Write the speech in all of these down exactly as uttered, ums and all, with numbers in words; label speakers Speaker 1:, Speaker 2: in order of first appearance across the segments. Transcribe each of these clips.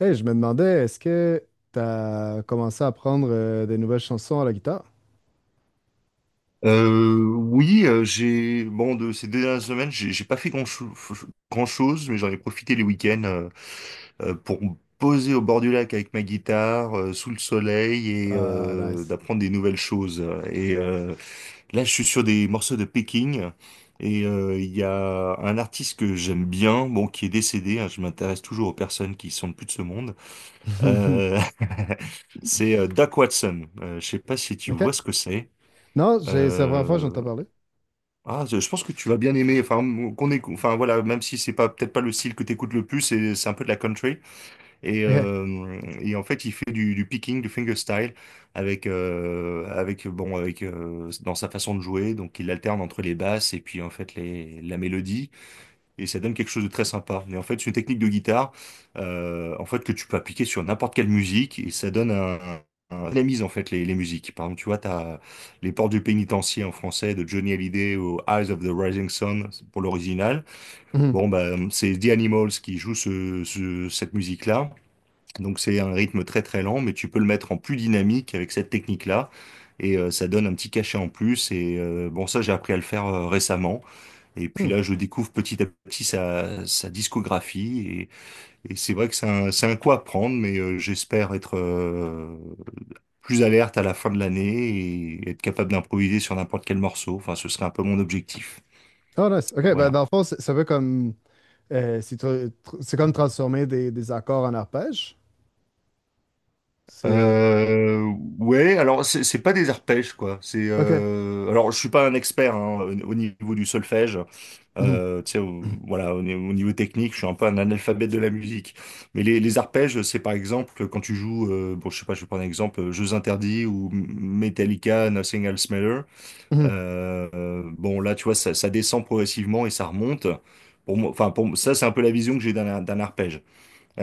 Speaker 1: Hey, je me demandais, est-ce que tu as commencé à apprendre euh, des nouvelles chansons à la guitare?
Speaker 2: Euh, oui, euh, j'ai bon de ces dernières semaines, j'ai j'ai pas fait grand chose, mais j'en ai profité les week-ends euh, euh, pour me poser au bord du lac avec ma guitare, euh, sous le soleil et
Speaker 1: Ah,
Speaker 2: euh,
Speaker 1: nice.
Speaker 2: d'apprendre des nouvelles choses. Et euh, là, je suis sur des morceaux de Peking et euh, il y a un artiste que j'aime bien, bon qui est décédé, hein. Je m'intéresse toujours aux personnes qui sont plus de ce monde. Euh, c'est euh, Doc Watson. Euh, je sais pas si tu
Speaker 1: OK.
Speaker 2: vois ce que c'est.
Speaker 1: Non, j'ai- c'est la première fois que
Speaker 2: Euh,
Speaker 1: j'entends parler.
Speaker 2: ah, je je pense que tu vas bien aimer. Enfin, m- qu'on est, enfin voilà, même si c'est pas peut-être pas le style que t'écoutes le plus, c'est c'est un peu de la country. Et,
Speaker 1: OK.
Speaker 2: euh, et en fait, il fait du, du picking, du fingerstyle, avec euh, avec bon, avec euh, dans sa façon de jouer. Donc, il alterne entre les basses et puis en fait les la mélodie et ça donne quelque chose de très sympa. Mais en fait, c'est une technique de guitare, euh, en fait, que tu peux appliquer sur n'importe quelle musique et ça donne un, un un dynamise en fait les, les musiques. Par exemple, tu vois, t'as Les Portes du Pénitencier en français de Johnny Hallyday au Eyes of the Rising Sun pour l'original.
Speaker 1: Mhm.
Speaker 2: Bon, bah, c'est The Animals qui joue ce, ce- cette musique-là. Donc c'est un rythme très très lent, mais tu peux le mettre en plus dynamique avec cette technique-là. Et euh, ça donne un petit cachet en plus. Et euh, bon, ça, j'ai appris à le faire euh, récemment. Et puis
Speaker 1: Hmm.
Speaker 2: là, je découvre petit à petit sa, sa discographie. Et, et c'est vrai que c'est un, c'est un coup à prendre, mais euh, j'espère être euh, plus alerte à la fin de l'année et être capable d'improviser sur n'importe quel morceau. Enfin, ce serait un peu mon objectif.
Speaker 1: Ah, nice. OK, ben,
Speaker 2: Voilà.
Speaker 1: dans le fond, c'est- ça veut comme. euh, c'est tr- tr- c'est comme transformer des, des accords en arpèges. C'est.
Speaker 2: Euh, ouais, alors c'est c'est pas des arpèges quoi. C'est
Speaker 1: OK.
Speaker 2: euh, alors je suis pas un expert hein, au au niveau du solfège.
Speaker 1: Mhm.
Speaker 2: Euh, tu sais, au- voilà, au, ni- au niveau technique, je suis un peu un analphabète de la musique. Mais les, les arpèges, c'est par exemple quand tu joues, euh, bon, je sais pas, je vais prendre un exemple, euh, Jeux Interdits ou M- Metallica, Nothing Else Matter.
Speaker 1: Mhm.
Speaker 2: Euh, euh, bon, là, tu vois, ça, ça descend progressivement et ça remonte. Pour moi, enfin, pour moi- ça, c'est un peu la vision que j'ai d'un d'un arpège.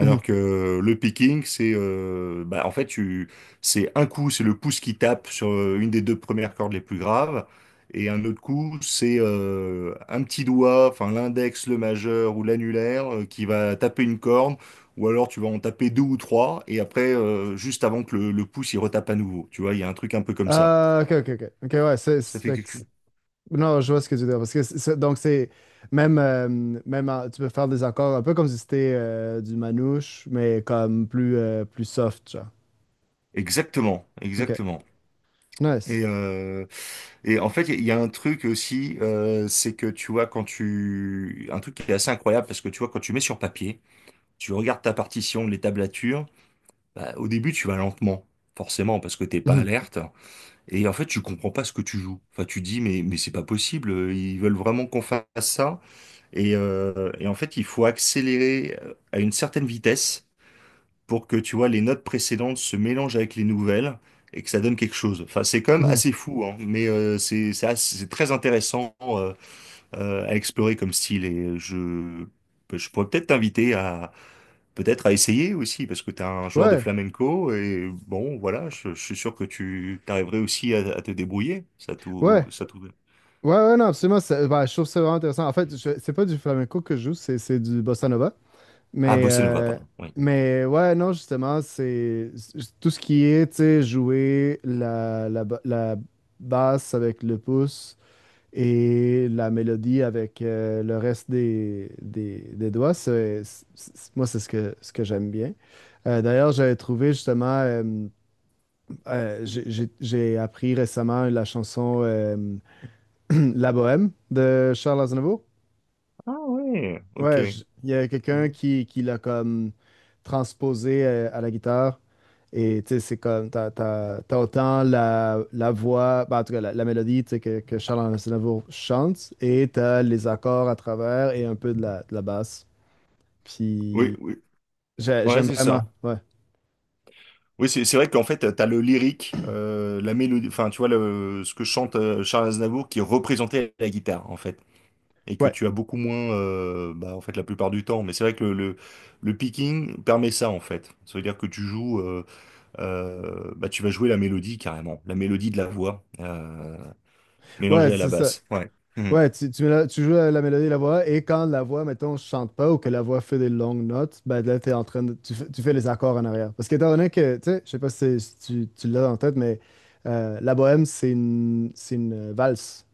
Speaker 1: Mhm.
Speaker 2: que le picking, c'est euh, bah, en fait tu c'est un coup, c'est le pouce qui tape sur euh, une des deux premières cordes les plus graves, et un autre coup, c'est euh, un petit doigt, enfin l'index, le majeur ou l'annulaire euh, qui va taper une corde, ou alors tu vas en taper deux ou trois, et après euh, juste avant que le, le pouce il retape à nouveau. Tu vois, il y a un truc un peu comme ça.
Speaker 1: Ah, OK, OK, OK. OK, ouais, c'est.
Speaker 2: Ça
Speaker 1: c'est-
Speaker 2: fait
Speaker 1: fait que
Speaker 2: quelque
Speaker 1: c'est-
Speaker 2: chose.
Speaker 1: Non, je vois ce que tu veux dire. Parce que c'est- c'est- donc, c'est. Même, euh, même en- tu peux faire des accords un peu comme si c'était euh, du manouche, mais comme plus, euh, plus soft, genre.
Speaker 2: Exactement,
Speaker 1: OK.
Speaker 2: exactement.
Speaker 1: Nice.
Speaker 2: Et, euh, Et en fait, il y a un truc aussi, euh, c'est que tu vois, quand tu... Un truc qui est assez incroyable, parce que tu vois, quand tu mets sur papier, tu regardes ta partition, les tablatures, bah, au début, tu vas lentement, forcément, parce que t'es pas
Speaker 1: Mhm.
Speaker 2: alerte. Et en fait, tu comprends pas ce que tu joues. Enfin, tu dis, mais, mais c'est pas possible, euh, ils veulent vraiment qu'on fasse ça. Et, euh, et en fait, il faut accélérer euh, à une certaine vitesse pour que, tu vois, les notes précédentes se mélangent avec les nouvelles et que ça donne quelque chose. Enfin, c'est quand même
Speaker 1: Mhm.
Speaker 2: assez fou, hein, mais euh, c'est c'est assez- c'est très intéressant euh, euh, à explorer comme style et je, ben, je pourrais peut-être t'inviter à peut-être à essayer aussi parce que tu es un joueur de
Speaker 1: Ouais,
Speaker 2: flamenco et bon, voilà, je, je suis sûr que tu t'arriverais aussi à, à te débrouiller. Ça tout,
Speaker 1: ouais.
Speaker 2: ça tout.
Speaker 1: Ouais, ouais, non, absolument. C'est- ben, je trouve ça vraiment intéressant. En fait, je- c'est pas du flamenco que je joue, c'est c'est du bossa nova.
Speaker 2: Ah,
Speaker 1: Mais,
Speaker 2: bossa nova,
Speaker 1: euh,
Speaker 2: pardon. Oui.
Speaker 1: mais ouais, non, justement, c'est c'est- tout ce qui est, tu sais, jouer la, la, ba- la basse avec le pouce et la mélodie avec euh, le reste des, des, des doigts, c'est, c'est- c'est- moi, c'est ce que, ce que j'aime bien. Euh, d'ailleurs, j'avais trouvé justement, euh, euh, j'ai j'ai- j'ai appris récemment la chanson euh, La Bohème de Charles Aznavour.
Speaker 2: Ah ouais, ok.
Speaker 1: Ouais, je- il y a quelqu'un
Speaker 2: Mhm.
Speaker 1: qui, qui l'a comme transposé euh, à la guitare. Et tu sais, c'est comme, t'as, t'as- t'as autant la, la voix, ben, en tout cas la, la mélodie tu sais, que, que Charles Aznavour chante, et t'as les accords à travers et un peu de la, de la basse.
Speaker 2: Oui,
Speaker 1: Puis
Speaker 2: oui.
Speaker 1: j'ai-
Speaker 2: Ouais,
Speaker 1: j'aime
Speaker 2: c'est
Speaker 1: vraiment,
Speaker 2: ça.
Speaker 1: ouais.
Speaker 2: Oui, c'est c'est vrai qu'en fait, t'as le lyrique, euh, la mélodie, enfin, tu vois, le, ce que chante euh, Charles Aznavour qui est représenté à la guitare, en fait. Et que
Speaker 1: Ouais,
Speaker 2: tu as beaucoup moins, euh, bah, en fait, la plupart du temps. Mais c'est vrai que le, le, le picking permet ça, en fait. Ça veut dire que tu joues, euh, euh, bah, tu vas jouer la mélodie carrément, la mélodie de la voix, euh,
Speaker 1: ouais,
Speaker 2: mélangée à la
Speaker 1: c'est ça.
Speaker 2: basse. Ouais. Mhm.
Speaker 1: Ouais, tu, tu, mets la- tu joues la, la mélodie et la voix, et quand la voix, mettons, chante pas ou que la voix fait des longues notes, ben là, t'es en train de, tu, fais tu fais les accords en arrière. Parce qu'étant donné que, tu sais, je sais pas si, c'est- si tu, tu l'as en tête, mais euh, la bohème, c'est une, c'est une euh, valse.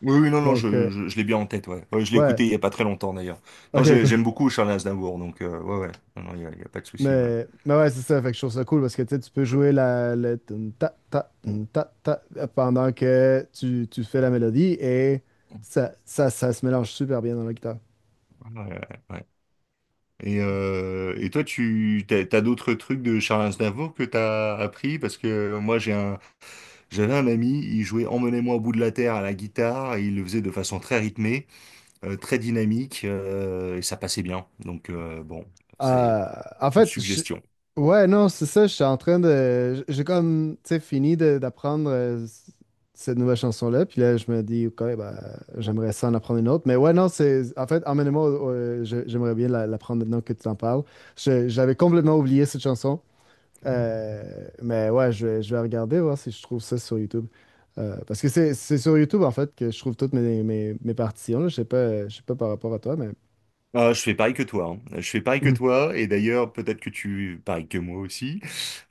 Speaker 2: Oui, oui, non, non, je,
Speaker 1: Donc, euh,
Speaker 2: je, je l'ai bien en tête, ouais. Ouais, je l'ai
Speaker 1: ouais,
Speaker 2: écouté il y a pas très longtemps, d'ailleurs. Non,
Speaker 1: ok,
Speaker 2: j'ai- J'aime
Speaker 1: cool.
Speaker 2: beaucoup Charles Aznavour, donc, euh, ouais, ouais. Non, non, il y a, il y a pas de souci, ouais.
Speaker 1: Mais, mais ouais, c'est ça, fait que je trouve ça cool parce que, tu sais, tu peux jouer la, le tum, ta, ta, tum, ta, ta, pendant que tu, tu fais la mélodie et ça, ça, ça se mélange super bien dans la guitare.
Speaker 2: Ouais, ouais, ouais. Et, euh, et toi, tu t'as, t'as d'autres trucs de Charles Aznavour que t'as appris? Parce que moi, j'ai un, j'avais un ami, il jouait Emmenez-moi au bout de la terre à la guitare, et il le faisait de façon très rythmée, euh, très dynamique, euh, et ça passait bien. Donc euh, bon, c'est
Speaker 1: Euh, en
Speaker 2: une
Speaker 1: fait, je-
Speaker 2: suggestion.
Speaker 1: ouais, non, c'est ça, je suis en train de... J'ai comme, tu sais, fini de- d'apprendre euh, c- cette nouvelle chanson-là, puis là, je me dis, OK, ben, j'aimerais ça en apprendre une autre. Mais ouais, non, c'est... En fait, emmène-moi, au- au- je- j'aimerais bien la- l'apprendre maintenant que tu t'en parles. Je- J'avais complètement oublié cette chanson. Euh, mais ouais, je vais, je vais regarder, voir si je trouve ça sur YouTube. Euh, parce que c'est c'est sur YouTube, en fait, que je trouve toutes mes, mes, mes partitions, là. Je sais pas, je sais pas par rapport à toi, mais...
Speaker 2: Ah, je fais pareil que toi, hein. Je fais pareil que toi, et d'ailleurs, peut-être que tu, pareil que moi aussi.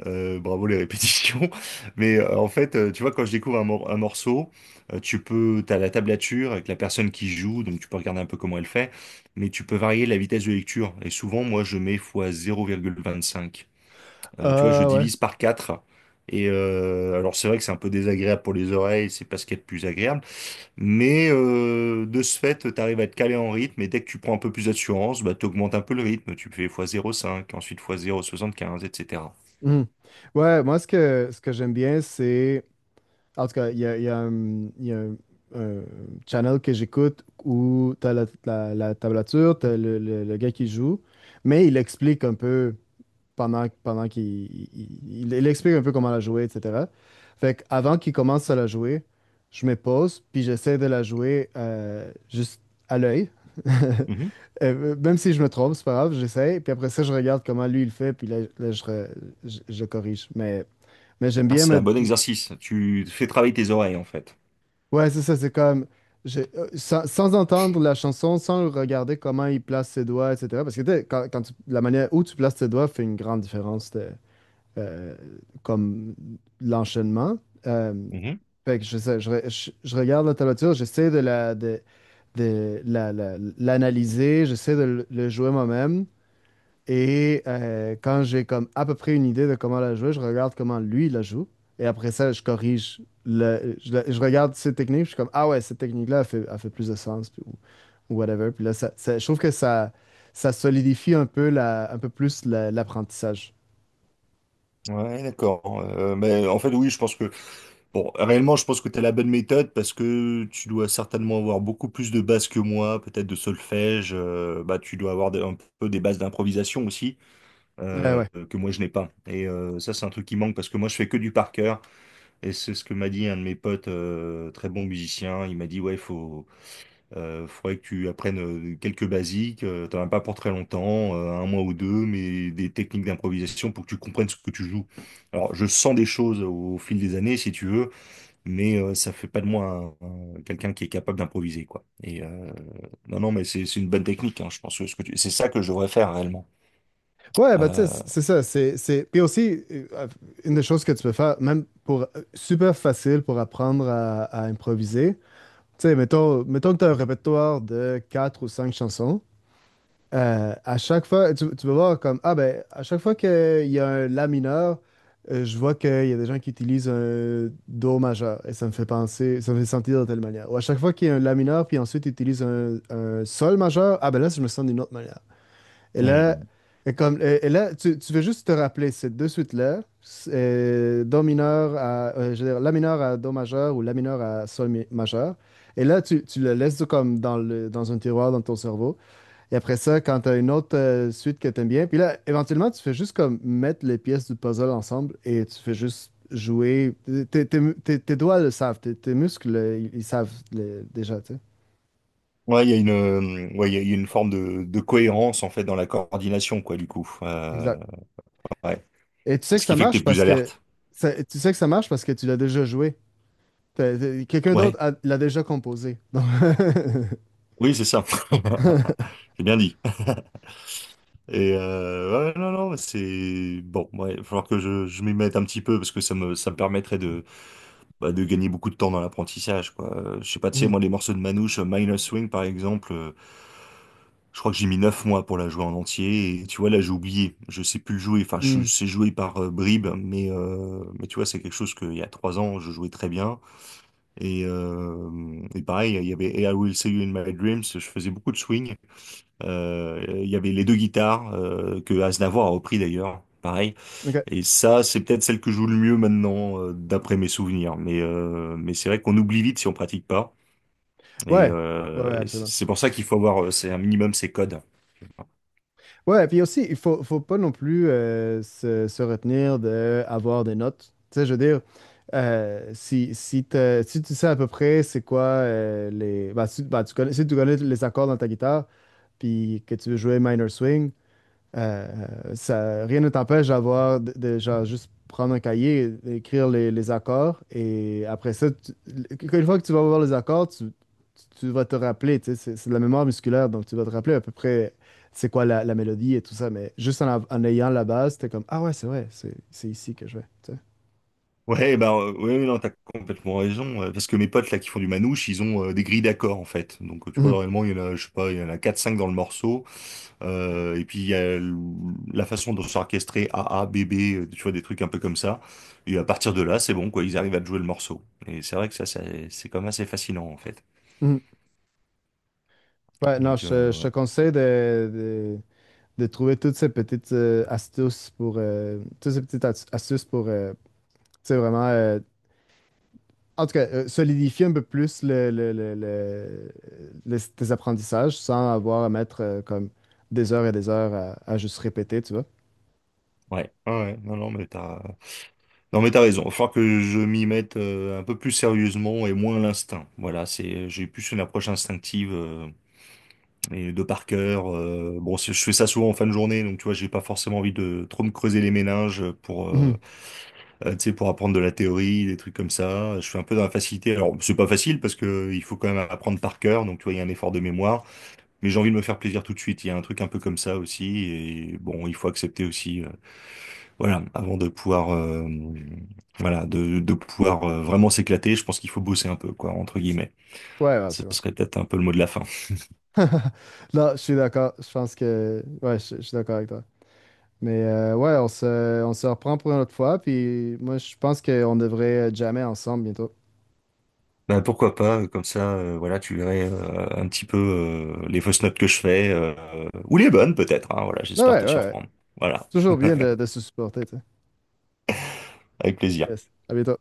Speaker 2: Euh, bravo les répétitions. Mais euh, en fait, euh, tu vois, quand je découvre un, mor- un morceau, euh, tu peux, t'as la tablature avec la personne qui joue, donc tu peux regarder un peu comment elle fait, mais tu peux varier la vitesse de lecture. Et souvent, moi, je mets fois zéro virgule vingt-cinq. Euh, tu vois, je
Speaker 1: Ah.
Speaker 2: divise par quatre. Et euh, alors, c'est vrai que c'est un peu désagréable pour les oreilles, c'est pas ce qu'il y a de plus agréable, mais euh, de ce fait, t'arrives à te caler en rythme, et dès que tu prends un peu plus d'assurance, bah, t'augmentes un peu le rythme, tu fais fois zéro virgule cinq, ensuite fois zéro virgule soixante-quinze, et cetera.
Speaker 1: Mhm. Ouais, moi, ce que, ce que j'aime bien, c'est. En tout cas, il y a, il y a un, il y a un- un channel que j'écoute où t'as la, la, la tablature, t'as le, le- le gars qui joue, mais il explique un peu pendant, pendant qu'il il, il- il explique un peu comment la jouer, et cetera. Fait que avant qu'il commence à la jouer, je me pose, puis j'essaie de la jouer euh, juste à l'œil. Euh, Même si je me trompe, c'est pas grave, j'essaie. Puis après ça, je regarde comment lui il fait, puis là, là, je, re- je, je corrige. Mais, mais j'aime
Speaker 2: Ah,
Speaker 1: bien
Speaker 2: c'est un
Speaker 1: me.
Speaker 2: bon exercice. Tu fais travailler tes oreilles, en fait.
Speaker 1: Ouais, c'est ça, c'est comme. Je- euh, sans, sans entendre la chanson, sans regarder comment il place ses doigts, et cetera. Parce que tu sais, quand, quand tu- la manière où tu places tes doigts fait une grande différence. t'es- euh, comme l'enchaînement. Euh,
Speaker 2: Mhm.
Speaker 1: fait que je, sais- je, re- je- Je regarde la tablature, j'essaie de la, de, de la- la- l'analyser, j'essaie de le, le jouer moi-même. Et euh, quand j'ai comme à peu près une idée de comment la jouer, je regarde comment lui la joue. Et après ça, je corrige le, je, la- je regarde ses techniques, je suis comme, ah ouais, cette technique-là, elle fait, elle fait plus de sens, puis- ou, ou whatever. Puis là, ça, ça- je trouve que ça, ça solidifie un peu la, un peu plus la- l'apprentissage.
Speaker 2: Ouais, d'accord. Euh, mais en fait, oui, je pense que, bon, réellement, je pense que tu as la bonne méthode parce que tu dois certainement avoir beaucoup plus de bases que moi, peut-être de solfège. Euh, bah, tu dois avoir des- un peu des bases d'improvisation aussi
Speaker 1: Mm. Euh,
Speaker 2: euh,
Speaker 1: ouais.
Speaker 2: que moi je n'ai pas. Et euh, ça, c'est un truc qui manque parce que moi, je fais que du par cœur. Et c'est ce que m'a dit un de mes potes, euh, très bon musicien. Il m'a dit, ouais, faut Il faudrait que tu apprennes euh, quelques basiques, euh, t'en as pas pour très longtemps, euh, un mois ou deux, mais des techniques d'improvisation pour que tu comprennes ce que tu joues. Alors, je sens des choses au fil des années, si tu veux, mais euh, ça fait pas de moi un- un- quelqu'un qui est capable d'improviser, quoi. Et euh, non, non, mais c'est c'est une bonne technique, hein, je pense que ce que tu- c'est ça que je devrais faire réellement.
Speaker 1: Ouais, bah, tu sais,
Speaker 2: Euh,
Speaker 1: c- c'est ça. C'est, c'est... Puis aussi, euh, une des choses que tu peux faire, même pour euh, super facile pour apprendre à, à improviser, tu sais, mettons, mettons que tu as un répertoire de quatre ou cinq chansons. Euh, à chaque fois, tu, tu vas voir comme, ah ben, à chaque fois qu'il y a un la mineur, euh, je vois qu'il y a des gens qui utilisent un do majeur et ça me fait penser, ça me fait sentir de telle manière. Ou à chaque fois qu'il y a un la mineur, puis ensuite ils utilisent un, un sol majeur, ah ben là, je me sens d'une autre manière. Et là,
Speaker 2: on-
Speaker 1: et comme, et, et là tu, tu veux juste te rappeler ces deux suites-là, c'est, euh, Do mineur à, euh, je veux dire, La mineur à Do majeur ou La mineur à Sol mi- majeur. Et là, tu, tu le laisses comme dans, le, dans un tiroir dans ton cerveau. Et après ça, quand tu as une autre euh, suite que tu aimes bien, puis là, éventuellement, tu fais juste comme mettre les pièces du puzzle ensemble et tu fais juste jouer. Tes, tes- tes- tes doigts le savent, tes, tes muscles, euh, ils, ils savent le- déjà, tu sais.
Speaker 2: Ouais, il y a une, euh, ouais, il y a il y a une forme de, de cohérence en fait dans la coordination, quoi, du coup. Euh,
Speaker 1: Exact.
Speaker 2: ouais.
Speaker 1: Et tu sais que
Speaker 2: Ce
Speaker 1: ça
Speaker 2: qui fait que t'es
Speaker 1: marche
Speaker 2: plus
Speaker 1: parce que
Speaker 2: alerte.
Speaker 1: ça- tu sais que ça marche parce que tu l'as déjà joué. T'as- t'as- Quelqu'un d'autre
Speaker 2: Ouais.
Speaker 1: a- l'a déjà composé. Donc,
Speaker 2: Oui, c'est ça. J'ai bien dit. Et euh, ouais, non, non, mais c'est bon. Ouais, il va falloir que je, je m'y mette un petit peu parce que ça me, ça me permettrait de, bah, de gagner beaucoup de temps dans l'apprentissage, quoi. Euh, Je sais pas, tu sais,
Speaker 1: Hmm.
Speaker 2: moi, les morceaux de Manouche, euh, Minor Swing, par exemple, euh, je crois que j'ai mis neuf mois pour la jouer en entier. Et tu vois, là, j'ai oublié. Je sais plus le jouer. Enfin, je
Speaker 1: Hmm.
Speaker 2: sais jouer par euh, bribes, mais, euh, mais tu vois, c'est quelque chose qu'il y a trois ans, je jouais très bien. Et, euh, et pareil, il y avait Hey, I Will See You in My Dreams. Je faisais beaucoup de swing. Euh, Il y avait les deux guitares euh, que Aznavour a repris d'ailleurs, pareil.
Speaker 1: OK.
Speaker 2: Et ça, c'est peut-être celle que je joue le mieux maintenant, euh, d'après mes souvenirs. Mais euh, mais c'est vrai qu'on oublie vite si on pratique pas. Et
Speaker 1: Ouais. Ouais,
Speaker 2: euh,
Speaker 1: ouais,
Speaker 2: c'est
Speaker 1: absolument.
Speaker 2: c'est pour ça qu'il faut avoir, euh, c'est un minimum ces codes.
Speaker 1: Ouais, puis aussi, il faut, faut pas non plus euh, se, se retenir d'avoir des notes. Tu sais, je veux dire, euh, si, si, t'as- si tu sais à peu près c'est quoi euh, les. Bah, si, bah, tu connais, si tu connais les accords dans ta guitare, puis que tu veux jouer minor swing. Euh, Ça, rien ne t'empêche d'avoir, de, de, genre, juste prendre un cahier, écrire les, les accords, et après ça, tu- une fois que tu vas voir les accords, tu, tu- vas te rappeler, tu sais, c'est c'est de la mémoire musculaire, donc tu vas te rappeler à peu près c'est quoi la, la mélodie et tout ça, mais juste en, av- en ayant la base, t'es comme, ah ouais, c'est vrai, c'est c'est ici que je vais, tu sais.
Speaker 2: Ouais, bah euh, ouais, non, t'as complètement raison. euh, Parce que mes potes là qui font du manouche, ils ont euh, des grilles d'accords en fait. Donc tu
Speaker 1: Mhm.
Speaker 2: vois, réellement, il y en a, je sais pas, il y en a quatre cinq dans le morceau. Euh, et puis il y a l- la façon de s'orchestrer A A, B B, euh, tu vois, des trucs un peu comme ça. Et à partir de là, c'est bon, quoi, ils arrivent à te jouer le morceau. Et c'est vrai que ça, ça- c'est quand même assez fascinant, en fait.
Speaker 1: Mhm. Ouais, non,
Speaker 2: Donc,
Speaker 1: je, te je
Speaker 2: euh,
Speaker 1: te
Speaker 2: ouais.
Speaker 1: conseille de, de- de trouver toutes ces petites euh, astuces pour, euh, toutes ces petites as- astuces pour, euh, tu sais, vraiment euh, en tout cas, euh, solidifier un peu plus le, le- le- le- le- tes apprentissages sans avoir à mettre euh, comme des heures et des heures à, à juste répéter, tu vois.
Speaker 2: Ouais, ouais, ouais. Non, non, mais t'as, non, mais t'as raison. Il faut que je m'y mette euh, un peu plus sérieusement et moins à l'instinct. Voilà, c'est, j'ai plus une approche instinctive euh, et de par cœur. Euh, bon, c'est- je fais ça souvent en fin de journée, donc tu vois, j'ai pas forcément envie de trop me creuser les méninges pour, euh,
Speaker 1: Mhm.
Speaker 2: euh, tu sais, pour apprendre de la théorie, des trucs comme ça. Je suis un peu dans la facilité. Alors, c'est pas facile parce que il faut quand même apprendre par cœur, donc tu vois, il y a un effort de mémoire. Mais j'ai envie de me faire plaisir tout de suite. Il y a un truc un peu comme ça aussi. Et bon, il faut accepter aussi, euh, voilà, avant de pouvoir, euh, voilà, de, de pouvoir euh, vraiment s'éclater. Je pense qu'il faut bosser un peu, quoi, entre guillemets.
Speaker 1: Ouais, ouais,
Speaker 2: Ce
Speaker 1: absolument.
Speaker 2: serait peut-être un peu le mot de la fin.
Speaker 1: Là, je suis d'accord. Je pense que... Ouais, je, je suis d'accord avec toi. Mais euh, ouais, on se, on se reprend pour une autre fois. Puis moi, je pense qu'on devrait jamais ensemble bientôt.
Speaker 2: Bah pourquoi pas, euh, comme ça, euh, voilà, tu verrais euh, un petit peu euh, les fausses notes que je fais, euh, ou les bonnes peut-être, hein, voilà,
Speaker 1: Ah
Speaker 2: j'espère
Speaker 1: ouais,
Speaker 2: te
Speaker 1: ouais, ouais.
Speaker 2: surprendre. Voilà,
Speaker 1: Toujours bien de, de se supporter, tu sais.
Speaker 2: avec plaisir.
Speaker 1: Yes. À bientôt.